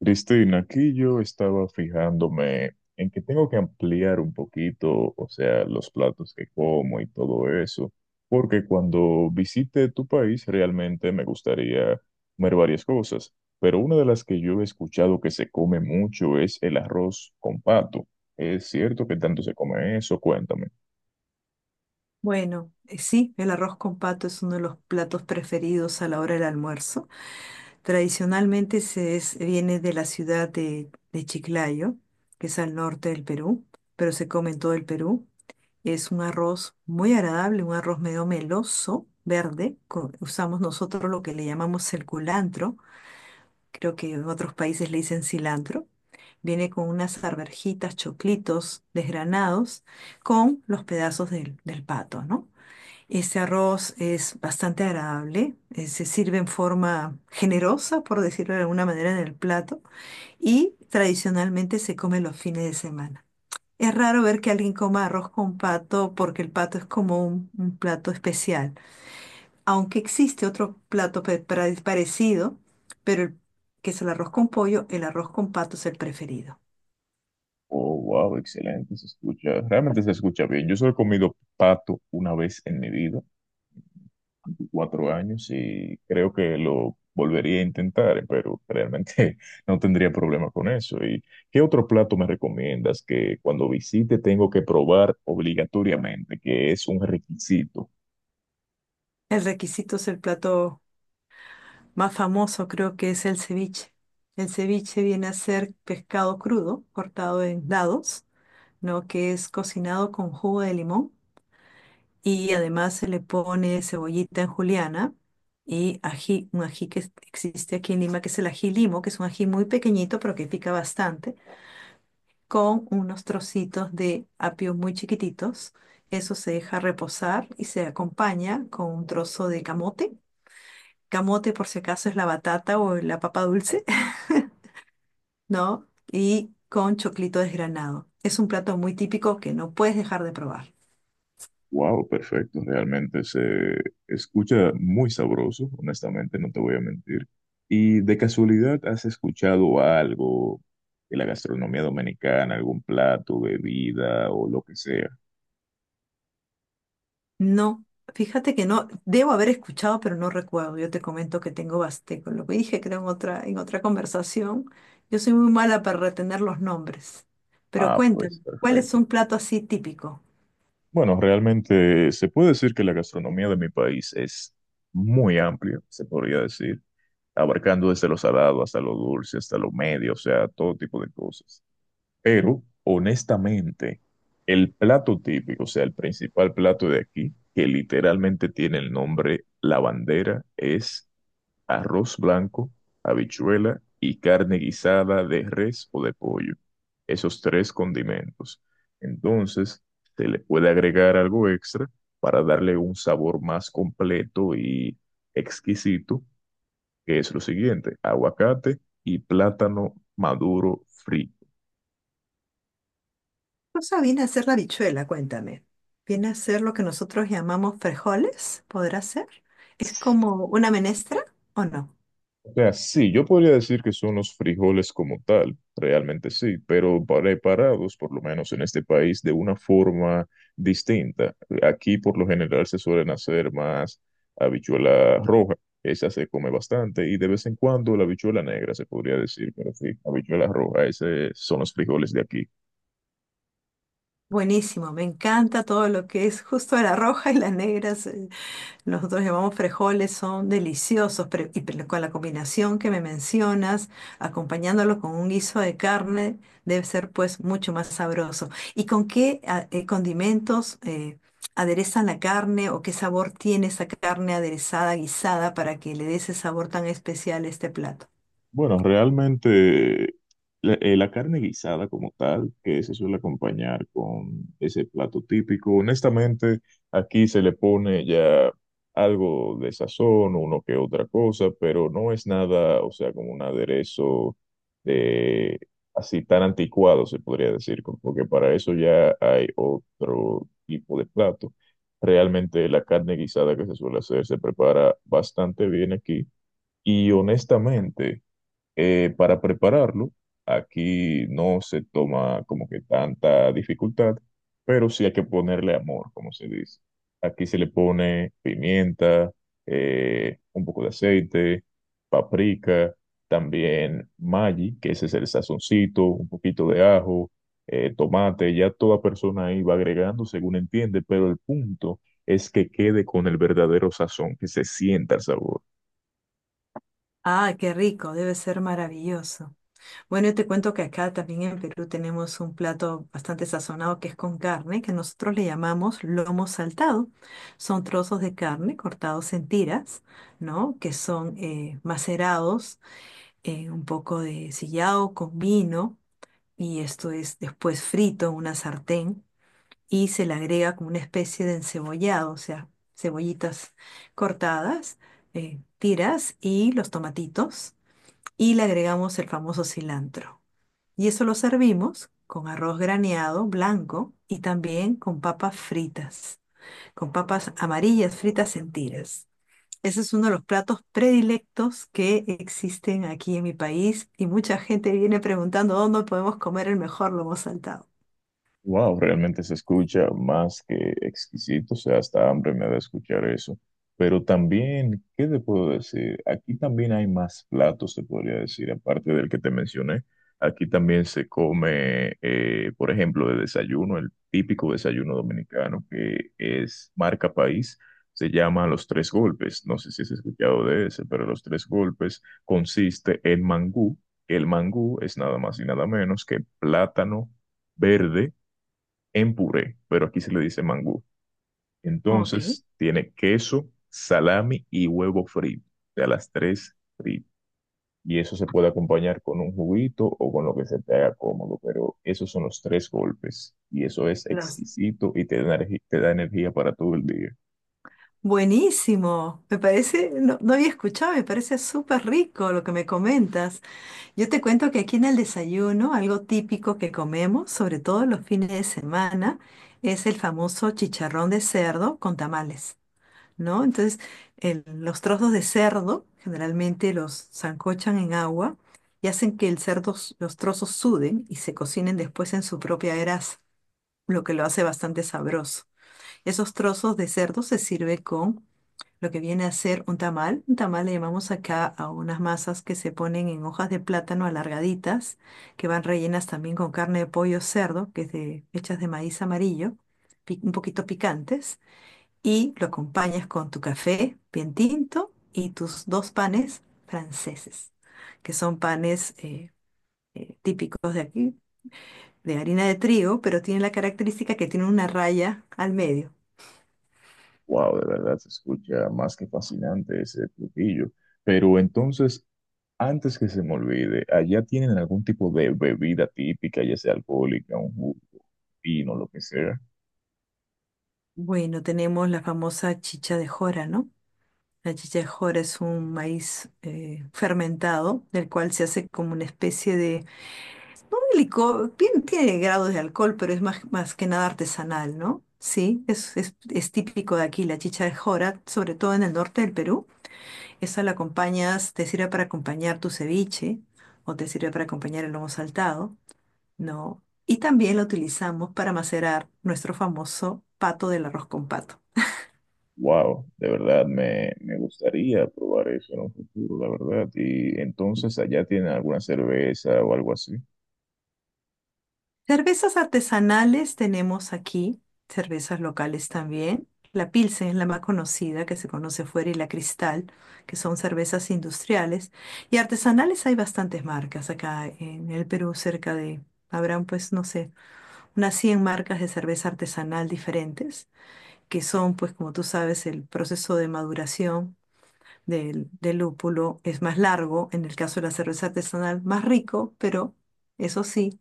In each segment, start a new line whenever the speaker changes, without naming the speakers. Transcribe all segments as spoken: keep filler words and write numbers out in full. Cristina, aquí yo estaba fijándome en que tengo que ampliar un poquito, o sea, los platos que como y todo eso, porque cuando visite tu país realmente me gustaría comer varias cosas, pero una de las que yo he escuchado que se come mucho es el arroz con pato. ¿Es cierto que tanto se come eso? Cuéntame.
Bueno, eh, sí, el arroz con pato es uno de los platos preferidos a la hora del almuerzo. Tradicionalmente se es- viene de la ciudad de, de Chiclayo, que es al norte del Perú, pero se come en todo el Perú. Es un arroz muy agradable, un arroz medio meloso, verde. Co- usamos nosotros lo que le llamamos el culantro. Creo que en otros países le dicen cilantro. Viene con unas arvejitas, choclitos desgranados, con los pedazos del, del pato, ¿no? Este arroz es bastante agradable, eh, se sirve en forma generosa, por decirlo de alguna manera, en el plato y tradicionalmente se come los fines de semana. Es raro ver que alguien coma arroz con pato porque el pato es como un, un plato especial, aunque existe otro plato pe- pra- parecido, pero el- que es el arroz con pollo, el arroz con pato es el preferido.
Oh, wow, excelente, se escucha, realmente se escucha bien. Yo solo he comido pato una vez en mi vida cuatro años y creo que lo volvería a intentar, eh, pero realmente no tendría problema con eso. ¿Y qué otro plato me recomiendas que cuando visite tengo que probar obligatoriamente, que es un requisito?
El requisito es el plato más famoso, creo que es el ceviche. El ceviche viene a ser pescado crudo, cortado en dados, ¿no? Que es cocinado con jugo de limón y además se le pone cebollita en juliana y ají, un ají que es- existe aquí en Lima, que es el ají limo, que es un ají muy pequeñito pero que pica bastante, con unos trocitos de apio muy chiquititos. Eso se deja reposar y se acompaña con un trozo de camote. Camote, por si acaso, es la batata o la papa dulce, ¿no? Y con choclito desgranado. Es un plato muy típico que no puedes dejar de probar.
Wow, perfecto, realmente se escucha muy sabroso, honestamente, no te voy a mentir. ¿Y de casualidad has escuchado algo de la gastronomía dominicana, algún plato, bebida o lo que sea?
No, fíjate que no, debo haber escuchado, pero no recuerdo. Yo te comento que tengo basteco, lo que dije creo en otra, en otra conversación. Yo soy muy mala para retener los nombres. Pero
Ah,
cuéntame,
pues
¿cuál
perfecto.
es un plato así típico?
Bueno, realmente se puede decir que la gastronomía de mi país es muy amplia, se podría decir, abarcando desde lo salado hasta lo dulce, hasta lo medio, o sea, todo tipo de cosas. Pero, honestamente, el plato típico, o sea, el principal plato de aquí, que literalmente tiene el nombre la bandera, es arroz blanco, habichuela y carne guisada de res o de pollo. Esos tres condimentos. Entonces, se le puede agregar algo extra para darle un sabor más completo y exquisito, que es lo siguiente, aguacate y plátano maduro frito.
Cosa viene a ser la habichuela, cuéntame. Viene a ser lo que nosotros llamamos frijoles, ¿podrá ser? ¿Es como una menestra o no?
O sea, sí, yo podría decir que son los frijoles como tal, realmente sí, pero preparados, por lo menos en este país, de una forma distinta. Aquí por lo general se suelen hacer más habichuela roja, esa se come bastante, y de vez en cuando la habichuela negra se podría decir, pero sí, habichuela roja, esos son los frijoles de aquí.
Buenísimo, me encanta todo lo que es justo la roja y las negras, eh, nosotros llamamos frijoles, son deliciosos, pero y pero con la combinación que me mencionas, acompañándolo con un guiso de carne, debe ser pues mucho más sabroso. ¿Y con qué a- eh, condimentos, eh, aderezan la carne o qué sabor tiene esa carne aderezada, guisada, para que le dé ese sabor tan especial a este plato?
Bueno, realmente la, eh, la carne guisada como tal, que se suele acompañar con ese plato típico, honestamente, aquí se le pone ya algo de sazón, uno que otra cosa, pero no es nada, o sea, como un aderezo de así tan anticuado, se podría decir, co- porque para eso ya hay otro tipo de plato. Realmente la carne guisada que se suele hacer se prepara bastante bien aquí. Y honestamente, eh, para prepararlo, aquí no se toma como que tanta dificultad, pero sí hay que ponerle amor, como se dice. Aquí se le pone pimienta, eh, un poco de aceite, paprika, también Maggi, que ese es el sazoncito, un poquito de ajo, eh, tomate, ya toda persona ahí va agregando según entiende, pero el punto es que quede con el verdadero sazón, que se sienta el sabor.
Ah, qué rico, debe ser maravilloso. Bueno, yo te cuento que acá también en Perú tenemos un plato bastante sazonado que es con carne, que nosotros le llamamos lomo saltado. Son trozos de carne cortados en tiras, ¿no? Que son eh, macerados, eh, un poco de sillao con vino, y esto es después frito en una sartén y se le agrega como una especie de encebollado, o sea, cebollitas cortadas, eh, tiras y los tomatitos, y le agregamos el famoso cilantro. Y eso lo servimos con arroz graneado blanco y también con papas fritas, con papas amarillas fritas en tiras. Ese es uno de los platos predilectos que existen aquí en mi país y mucha gente viene preguntando dónde podemos comer el mejor lomo saltado.
Wow, realmente se escucha más que exquisito, o sea, hasta hambre me da escuchar eso. Pero también, ¿qué te puedo decir? Aquí también hay más platos, te podría decir, aparte del que te mencioné. Aquí también se come, eh, por ejemplo, de desayuno, el típico desayuno dominicano que es marca país, se llama Los Tres Golpes. No sé si has escuchado de ese, pero Los Tres Golpes consiste en mangú. El mangú es nada más y nada menos que plátano verde en puré, pero aquí se le dice mangú.
Ok.
Entonces, tiene queso, salami y huevo frito, de a las tres fritas. Y eso se puede acompañar con un juguito o con lo que se te haga cómodo, pero esos son los tres golpes. Y eso es
Los...
exquisito y te da, energi- te da energía para todo el día.
Buenísimo, me parece, no, no había escuchado, me parece súper rico lo que me comentas. Yo te cuento que aquí en el desayuno, algo típico que comemos, sobre todo los fines de semana, es el famoso chicharrón de cerdo con tamales, ¿no? Entonces, el- los trozos de cerdo generalmente los sancochan en agua y hacen que el cerdo, s- los trozos suden y se cocinen después en su propia grasa, lo que lo hace bastante sabroso. Esos trozos de cerdo se sirve con lo que viene a ser un tamal. Un tamal le llamamos acá a unas masas que se ponen en hojas de plátano alargaditas, que van rellenas también con carne de pollo o cerdo, que es de, hechas de maíz amarillo, pi- un poquito picantes, y lo acompañas con tu café bien tinto y tus dos panes franceses, que son panes eh, eh, típicos de aquí, de harina de trigo, pero tienen la característica que tienen una raya al medio.
Wow, de verdad se escucha más que fascinante ese platillo. Pero entonces, antes que se me olvide, ¿allá tienen algún tipo de bebida típica, ya sea alcohólica, un jugo, vino, lo que sea?
Bueno, tenemos la famosa chicha de jora, ¿no? La chichajora es un maíz eh, fermentado, del cual se hace como una especie de, no de licor, bien tiene grados de alcohol, pero es más, más que nada artesanal, ¿no? Sí, es, es, es típico de aquí la chichajora, sobre todo en el norte del Perú. Esa la acompañas, te sirve para acompañar tu ceviche o te sirve para acompañar el lomo saltado, ¿no? Y también la utilizamos para macerar nuestro famoso pato del arroz con pato.
Wow, de verdad me, me gustaría probar eso en un futuro, la verdad. Y entonces allá tienen alguna cerveza o algo así.
Cervezas artesanales tenemos aquí, cervezas locales también. La Pilsen es la más conocida, que se conoce fuera, y la Cristal, que son cervezas industriales. Y artesanales hay bastantes marcas acá en el Perú, cerca de, habrán pues, no sé, unas cien marcas de cerveza artesanal diferentes, que son pues, como tú sabes, el proceso de maduración del, del lúpulo es más largo, en el caso de la cerveza artesanal, más rico, pero... Eso sí,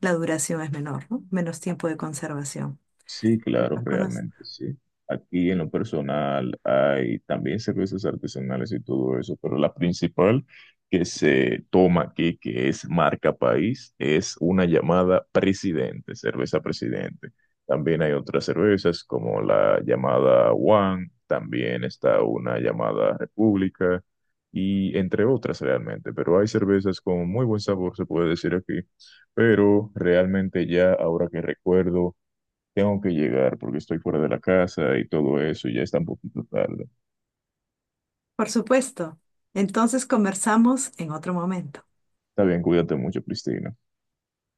la duración es menor, ¿no? Menos tiempo de conservación.
Sí,
Yo
claro,
las conozco.
realmente sí. Aquí en lo personal hay también cervezas artesanales y todo eso, pero la principal que se toma aquí, que es marca país, es una llamada Presidente, cerveza Presidente. También hay otras cervezas como la llamada One, también está una llamada República y entre otras realmente, pero hay cervezas con muy buen sabor, se puede decir aquí, pero realmente ya ahora que recuerdo. Tengo que llegar porque estoy fuera de la casa y todo eso y ya está un poquito tarde.
Por supuesto. Entonces conversamos en otro momento.
Está bien, cuídate mucho, Cristina.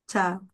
Chao.